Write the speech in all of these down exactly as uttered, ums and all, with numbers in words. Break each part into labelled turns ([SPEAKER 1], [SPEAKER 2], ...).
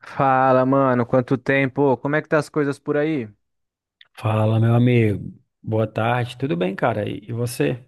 [SPEAKER 1] Fala, mano, quanto tempo? Como é que tá as coisas por aí?
[SPEAKER 2] Fala, meu amigo. Boa tarde. Tudo bem, cara? E e você?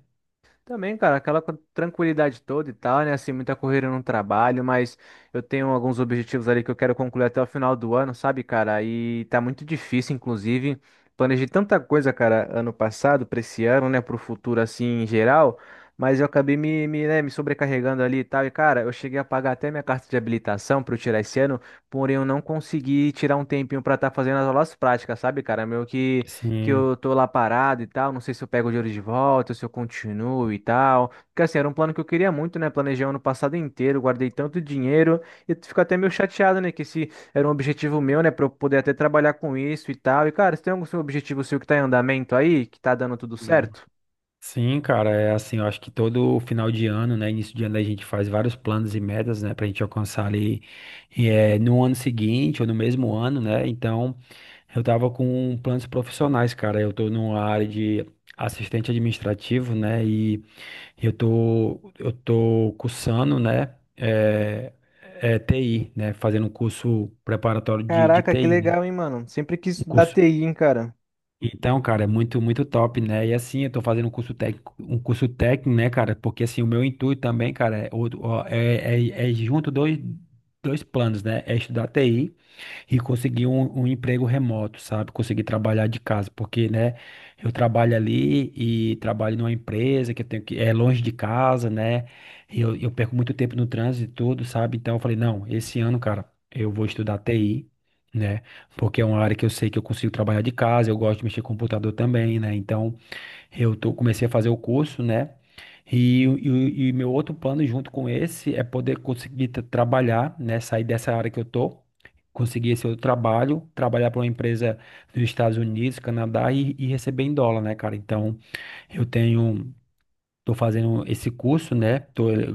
[SPEAKER 1] Também, cara, aquela co- tranquilidade toda e tal, né? Assim, muita correria no trabalho, mas eu tenho alguns objetivos ali que eu quero concluir até o final do ano, sabe, cara? E tá muito difícil, inclusive. Planejei tanta coisa, cara, ano passado, pra esse ano, né? Pro futuro, assim, em geral, mas eu acabei me, me, né, me sobrecarregando ali e tal. E, cara, eu cheguei a pagar até minha carta de habilitação pra eu tirar esse ano, porém eu não consegui tirar um tempinho pra estar fazendo as aulas práticas, sabe, cara? Meio que. que
[SPEAKER 2] Sim.
[SPEAKER 1] eu tô lá parado e tal, não sei se eu pego o dinheiro de volta, se eu continuo e tal. Porque assim, era um plano que eu queria muito, né? Planejei o ano passado inteiro, guardei tanto dinheiro e eu fico até meio chateado, né? Que esse era um objetivo meu, né? Pra eu poder até trabalhar com isso e tal. E cara, você tem algum seu objetivo seu que tá em andamento aí, que tá dando tudo certo?
[SPEAKER 2] Sim, cara, é assim, eu acho que todo final de ano, né, início de ano a gente faz vários planos e metas, né, pra gente alcançar ali eh, no ano seguinte ou no mesmo ano, né? Então, eu tava com planos profissionais, cara. Eu tô numa área de assistente administrativo, né? E eu tô eu tô cursando, né, eh, eh, T I, né, fazendo um curso preparatório de, de
[SPEAKER 1] Caraca, que
[SPEAKER 2] T I, né?
[SPEAKER 1] legal, hein, mano? Sempre quis
[SPEAKER 2] Um
[SPEAKER 1] estudar
[SPEAKER 2] curso.
[SPEAKER 1] T I, hein, cara.
[SPEAKER 2] Então, cara, é muito, muito top, né? E assim, eu tô fazendo um curso técnico, um curso técnico, né, cara? Porque assim, o meu intuito também, cara, é, outro- ó, é, é, é junto dois, dois planos, né? É estudar T I e consegui um, um emprego remoto, sabe? Consegui trabalhar de casa, porque, né, eu trabalho ali e trabalho numa empresa que eu tenho que é longe de casa, né? E eu, eu perco muito tempo no trânsito e tudo, sabe? Então eu falei, não, esse ano, cara, eu vou estudar T I. Né? Porque é uma área que eu sei que eu consigo trabalhar de casa, eu gosto de mexer com computador também, né? Então, eu tô, comecei a fazer o curso, né? E, o- e, e meu outro plano junto com esse é poder conseguir tra- trabalhar, né? Sair dessa área que eu tô, conseguir esse outro trabalho, trabalhar para uma empresa dos Estados Unidos, Canadá e, e receber em dólar, né, cara? Então, eu tenho. Tô fazendo esse curso, né? Tô, eh,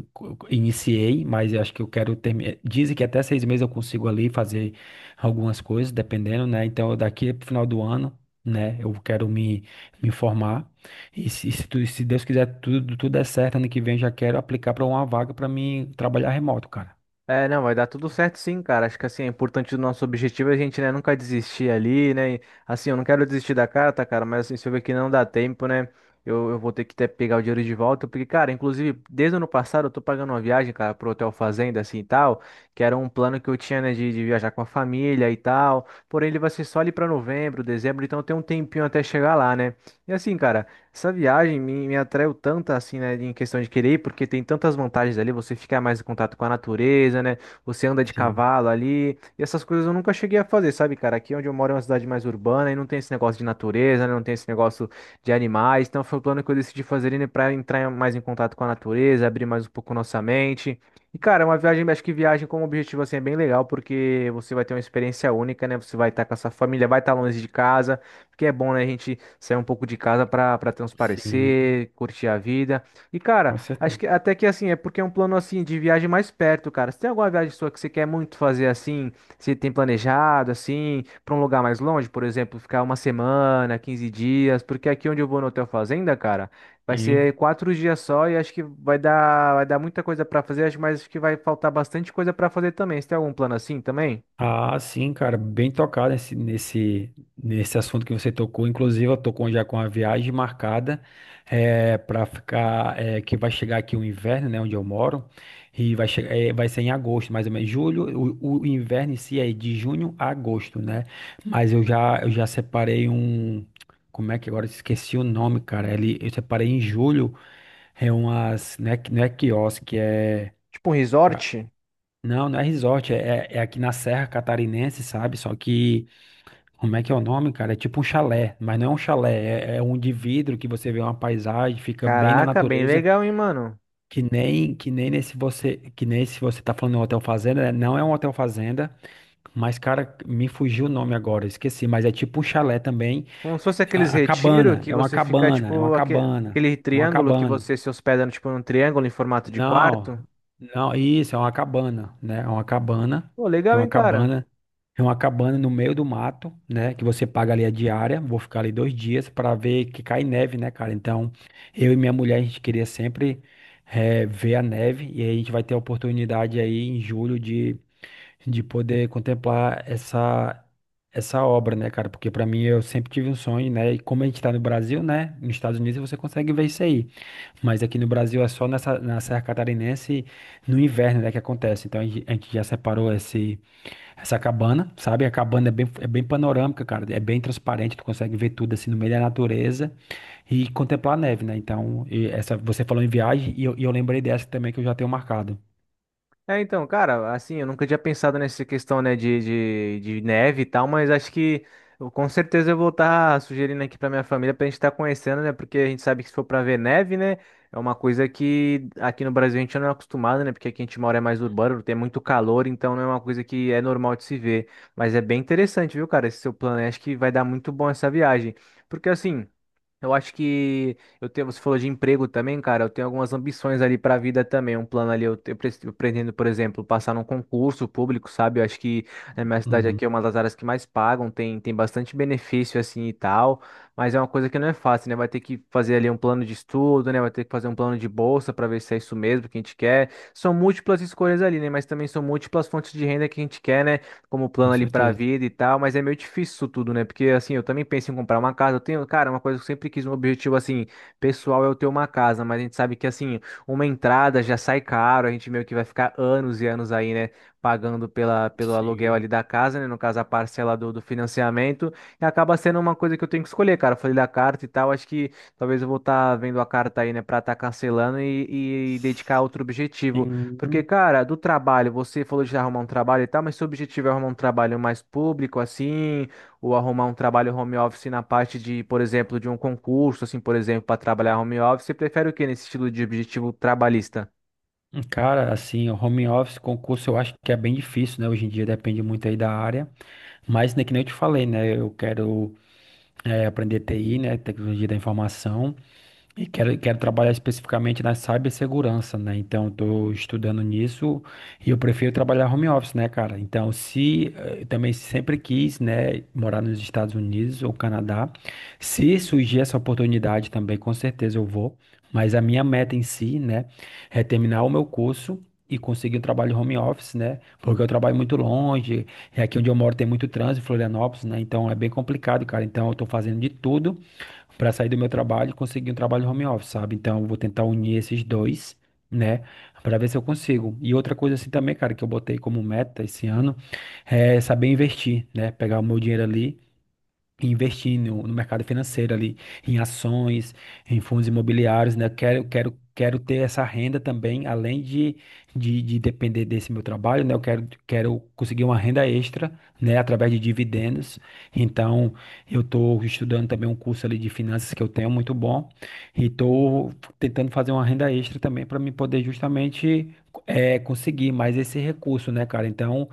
[SPEAKER 2] iniciei, mas eu acho que eu quero terminar. Dizem que até seis meses eu consigo ali fazer algumas coisas, dependendo, né? Então, daqui pro final do ano, né? Eu quero me, me formar. E se, se, tu- se Deus quiser, tudo, tudo der certo, ano que vem eu já quero aplicar para uma vaga para mim trabalhar remoto, cara.
[SPEAKER 1] É, não, vai dar tudo certo sim, cara. Acho que assim, é importante o nosso objetivo é a gente, né, nunca desistir ali, né? E, assim, eu não quero desistir da carta, cara, mas assim, se eu ver que não dá tempo, né? Eu, eu vou ter que até pegar o dinheiro de volta, porque, cara, inclusive, desde o ano passado eu tô pagando uma viagem, cara, pro Hotel Fazenda, assim e tal, que era um plano que eu tinha, né, de, de viajar com a família e tal. Porém, ele vai ser só ali pra novembro, dezembro, então tem um tempinho até chegar lá, né? E assim, cara. Essa viagem me, me atraiu tanto assim, né, em questão de querer ir, porque tem tantas vantagens ali, você fica mais em contato com a natureza, né, você anda de
[SPEAKER 2] Sim,
[SPEAKER 1] cavalo ali, e essas coisas eu nunca cheguei a fazer, sabe, cara? Aqui é onde eu moro é uma cidade mais urbana e não tem esse negócio de natureza, né, não tem esse negócio de animais, então foi o plano que eu decidi fazer, né, pra entrar mais em contato com a natureza, abrir mais um pouco nossa mente. E, cara, é uma viagem, acho que viagem como objetivo, assim, é bem legal, porque você vai ter uma experiência única, né, você vai estar com a sua família, vai estar longe de casa, porque é bom, né, a gente sair um pouco de casa pra para
[SPEAKER 2] sim,
[SPEAKER 1] transparecer, curtir a vida. E cara,
[SPEAKER 2] com
[SPEAKER 1] acho
[SPEAKER 2] certeza.
[SPEAKER 1] que até que assim, é porque é um plano assim de viagem mais perto, cara. Você tem alguma viagem sua que você quer muito fazer assim, você tem planejado assim, pra um lugar mais longe, por exemplo, ficar uma semana, quinze dias, porque aqui onde eu vou no Hotel Fazenda, cara, vai
[SPEAKER 2] Sim.
[SPEAKER 1] ser quatro dias só e acho que vai dar vai dar muita coisa pra fazer, acho- mas acho que vai faltar bastante coisa pra fazer também. Você tem algum plano assim também?
[SPEAKER 2] Ah, sim, cara, bem tocado nesse, nesse, nesse assunto que você tocou. Inclusive, eu tô com, já com a viagem marcada é, para ficar, é, que vai chegar aqui o inverno, né, onde eu moro, e vai chegar, é, vai ser em agosto, mais ou menos. Julho, o, o inverno em si é de junho a agosto, né? Mas eu já, eu já separei um, como é que agora eu esqueci o nome, cara? Ele, eu separei em julho, é umas, não é, não é quiosque, é.
[SPEAKER 1] Tipo um resort?
[SPEAKER 2] Não, não é resort, é, é é aqui na Serra Catarinense, sabe? Só que, como é que é o nome, cara? É tipo um chalé, mas não é um chalé, é, é um de vidro que você vê uma paisagem, fica bem na
[SPEAKER 1] Caraca, bem
[SPEAKER 2] natureza,
[SPEAKER 1] legal, hein, mano?
[SPEAKER 2] que nem que nem nesse você, que nem se você tá falando um hotel fazenda, né? Não é um hotel fazenda, mas, cara, me fugiu o nome agora, esqueci, mas é tipo um chalé também.
[SPEAKER 1] Como se fosse aqueles
[SPEAKER 2] A, a
[SPEAKER 1] retiro
[SPEAKER 2] cabana,
[SPEAKER 1] que
[SPEAKER 2] é uma
[SPEAKER 1] você fica,
[SPEAKER 2] cabana, é uma
[SPEAKER 1] tipo, aque-
[SPEAKER 2] cabana,
[SPEAKER 1] aquele
[SPEAKER 2] é uma
[SPEAKER 1] triângulo que
[SPEAKER 2] cabana.
[SPEAKER 1] você se hospeda, tipo, num triângulo em formato de
[SPEAKER 2] Não,
[SPEAKER 1] quarto.
[SPEAKER 2] não, isso é uma cabana, né? É uma cabana,
[SPEAKER 1] Pô,
[SPEAKER 2] é
[SPEAKER 1] legal,
[SPEAKER 2] uma
[SPEAKER 1] hein, cara?
[SPEAKER 2] cabana, é uma cabana no meio do mato, né? Que você paga ali a diária. Vou ficar ali dois dias para ver que cai neve, né, cara? Então, eu e minha mulher a gente queria sempre eh, ver a neve e aí a gente vai ter a oportunidade aí em julho de de poder contemplar essa essa obra, né, cara? Porque pra mim eu sempre tive um sonho, né? E como a gente tá no Brasil, né? Nos Estados Unidos você consegue ver isso aí. Mas aqui no Brasil é só nessa na Serra Catarinense no inverno, né, que acontece. Então a gente a gente já separou esse essa cabana, sabe? A cabana é bem é bem panorâmica, cara. É bem transparente, tu consegue ver tudo assim no meio da natureza e contemplar a neve, né? Então, e essa você falou em viagem e eu, e eu lembrei dessa também que eu já tenho marcado.
[SPEAKER 1] É, então, cara, assim, eu nunca tinha pensado nessa questão, né, de, de, de neve e tal, mas acho que eu, com certeza eu vou estar sugerindo aqui pra minha família pra gente estar conhecendo, né, porque a gente sabe que se for pra ver neve, né, é uma coisa que aqui no Brasil a gente não é acostumado, né, porque aqui a gente mora é mais urbano, tem muito calor, então não é uma coisa que é normal de se ver, mas é bem interessante, viu, cara, esse seu plano, aí, acho que vai dar muito bom essa viagem, porque assim. Eu acho que eu tenho, você falou de emprego também, cara. Eu tenho algumas ambições ali para a vida também. Um plano ali, eu, te- eu pres- eu pretendo, por exemplo, passar num concurso público, sabe? Eu acho que na minha cidade
[SPEAKER 2] Uhum,
[SPEAKER 1] aqui é uma das áreas que mais pagam, tem, tem bastante benefício assim e tal, mas é uma coisa que não é fácil, né? Vai ter que fazer ali um plano de estudo, né? Vai ter que fazer um plano de bolsa para ver se é isso mesmo que a gente quer. São múltiplas escolhas ali, né? Mas também são múltiplas fontes de renda que a gente quer, né? Como
[SPEAKER 2] com
[SPEAKER 1] plano ali pra
[SPEAKER 2] certeza.
[SPEAKER 1] vida e tal, mas é meio difícil isso tudo, né? Porque assim, eu também penso em comprar uma casa. Eu tenho, cara, uma coisa que eu sempre quis, um objetivo assim, pessoal é eu ter uma casa, mas a gente sabe que assim, uma entrada já sai caro, a gente meio que vai ficar anos e anos aí, né? Pagando pela, pelo aluguel
[SPEAKER 2] Sim.
[SPEAKER 1] ali da casa, né? No caso, a parcela do, do financiamento. E acaba sendo uma coisa que eu tenho que escolher, cara. Eu falei da carta e tal. Acho que talvez eu vou estar vendo a carta aí, né? Pra estar cancelando e, e dedicar a outro objetivo. Porque,
[SPEAKER 2] Sim.
[SPEAKER 1] cara, do trabalho, você falou de arrumar um trabalho e tal, mas seu objetivo é arrumar um trabalho mais público, assim, ou arrumar um trabalho home office na parte de, por exemplo, de um concurso, assim, por exemplo, para trabalhar home office, você prefere o quê nesse estilo de objetivo trabalhista?
[SPEAKER 2] Cara, assim, o home office, concurso, eu acho que é bem difícil, né? Hoje em dia depende muito aí da área. Mas, né, que nem eu te falei, né? Eu quero eh, aprender T I, né? Tecnologia da informação. E quero, quero trabalhar especificamente na cibersegurança, né? Então, estou estudando nisso e eu prefiro trabalhar home office, né, cara? Então, se eh, eu também sempre quis, né, morar nos Estados Unidos ou Canadá, se surgir essa oportunidade também, com certeza eu vou. Mas a minha meta em si, né, é terminar o meu curso e conseguir um trabalho home office, né? Porque eu trabalho muito longe, e aqui onde eu moro tem muito trânsito, em Florianópolis, né? Então, é bem complicado, cara. Então, eu estou fazendo de tudo para sair do meu trabalho e conseguir um trabalho home office, sabe? Então, eu vou tentar unir esses dois, né? Para ver se eu consigo. E outra coisa assim também, cara, que eu botei como meta esse ano é saber investir, né? Pegar o meu dinheiro ali e investir no, no mercado financeiro ali, em ações, em fundos imobiliários, né? Quero, quero, quero ter essa renda também, além de, de, de depender desse meu trabalho, né? Eu quero, quero conseguir uma renda extra, né? Através de dividendos. Então, eu estou estudando também um curso ali de finanças que eu tenho muito bom e estou tentando fazer uma renda extra também para me poder justamente é, conseguir mais esse recurso, né, cara? Então,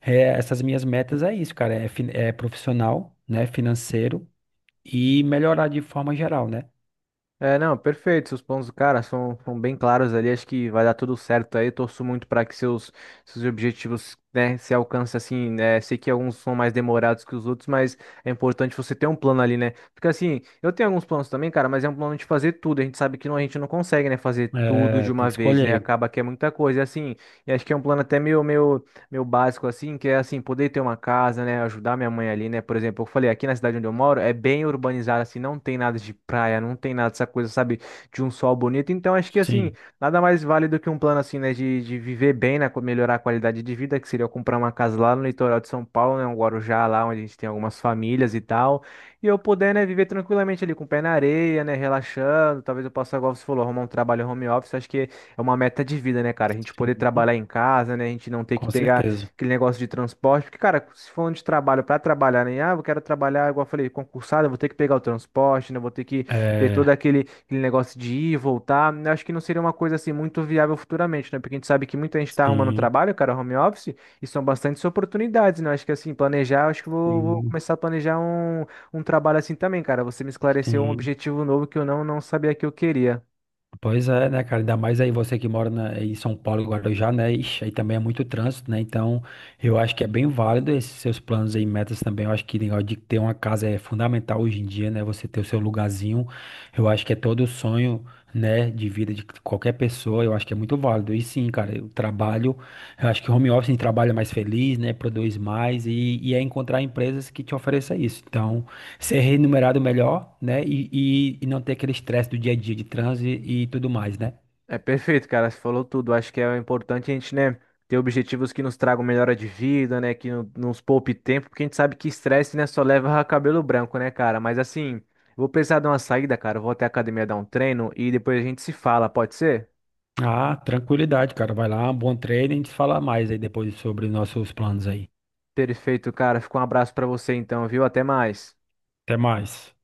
[SPEAKER 2] é, essas minhas metas é isso, cara. É, fin- é profissional, né? Financeiro e melhorar de forma geral, né?
[SPEAKER 1] É, não, perfeito. Seus pontos, cara, são, são bem claros ali. Acho que vai dar tudo certo aí. Torço muito para que seus, seus objetivos, né, se alcancem assim, né? Sei que alguns são mais demorados que os outros, mas é importante você ter um plano ali, né? Porque assim, eu tenho alguns planos também, cara, mas é um plano de fazer tudo. A gente sabe que não, a gente não consegue, né, fazer tudo
[SPEAKER 2] É,
[SPEAKER 1] de
[SPEAKER 2] tem
[SPEAKER 1] uma
[SPEAKER 2] que
[SPEAKER 1] vez, né?
[SPEAKER 2] escolher.
[SPEAKER 1] Acaba que é muita coisa. E assim, e acho que é um plano até meio, meio meu básico assim, que é assim, poder ter uma casa, né, ajudar minha mãe ali, né? Por exemplo, eu falei, aqui na cidade onde eu moro é bem urbanizada assim, não tem nada de praia, não tem nada dessa coisa, sabe, de um sol bonito. Então, acho que assim,
[SPEAKER 2] Sim,
[SPEAKER 1] nada mais válido que um plano assim, né, de, de viver bem, né, co- melhorar a qualidade de vida, que seria eu comprar uma casa lá no litoral de São Paulo, né, um Guarujá lá onde a gente tem algumas famílias e tal, e eu poder, né, viver tranquilamente ali com o pé na areia, né, relaxando. Talvez eu possa, igual você falou, arrumar um trabalho home office. Acho que é uma meta de vida, né, cara? A gente poder
[SPEAKER 2] sim,
[SPEAKER 1] trabalhar em casa, né? A gente não ter que
[SPEAKER 2] com
[SPEAKER 1] pegar
[SPEAKER 2] certeza.
[SPEAKER 1] aquele negócio de transporte. Porque, cara, se for de trabalho para trabalhar, né? Ah, eu quero trabalhar, igual eu falei, concursado, eu vou ter que pegar o transporte, né? eu vou ter que ter todo
[SPEAKER 2] É,
[SPEAKER 1] aquele, aquele negócio de ir e voltar. Eu acho que não seria uma coisa assim muito viável futuramente, né? Porque a gente sabe que muita gente tá arrumando
[SPEAKER 2] sim,
[SPEAKER 1] trabalho, cara, home office, e são bastantes oportunidades, né? Eu acho que assim, planejar, eu acho que eu vou, vou
[SPEAKER 2] sim,
[SPEAKER 1] começar a planejar um, um trabalho assim também, cara. Você me esclareceu um
[SPEAKER 2] sim.
[SPEAKER 1] objetivo novo que eu não, não sabia que eu queria.
[SPEAKER 2] Pois é, né, cara? Ainda mais aí você que mora na- em São Paulo, Guarujá, né? Ixi, aí também é muito trânsito, né? Então, eu acho que é bem válido esses seus planos aí, metas também. Eu acho que o negócio de ter uma casa é fundamental hoje em dia, né? Você ter o seu lugarzinho. Eu acho que é todo o sonho, né, de vida de qualquer pessoa. Eu acho que é muito válido. E sim, cara, eu trabalho. Eu acho que home office trabalha mais feliz, né? Produz mais e, e é encontrar empresas que te ofereçam isso. Então ser remunerado melhor, né? E, e, e não ter aquele estresse do dia a dia de transe e tudo mais, né?
[SPEAKER 1] É perfeito, cara. Você falou tudo. Acho que é importante a gente, né, ter objetivos que nos tragam melhora de vida, né, que no- nos poupe tempo, porque a gente sabe que estresse, né, só leva a cabelo branco, né, cara? Mas assim, vou precisar de uma saída, cara. Eu vou até a academia dar um treino e depois a gente se fala, pode ser?
[SPEAKER 2] Ah, tranquilidade, cara. Vai lá, bom treino e a gente fala mais aí depois sobre os nossos planos aí.
[SPEAKER 1] Perfeito, cara. Fica um abraço pra você então, viu? Até mais.
[SPEAKER 2] Até mais.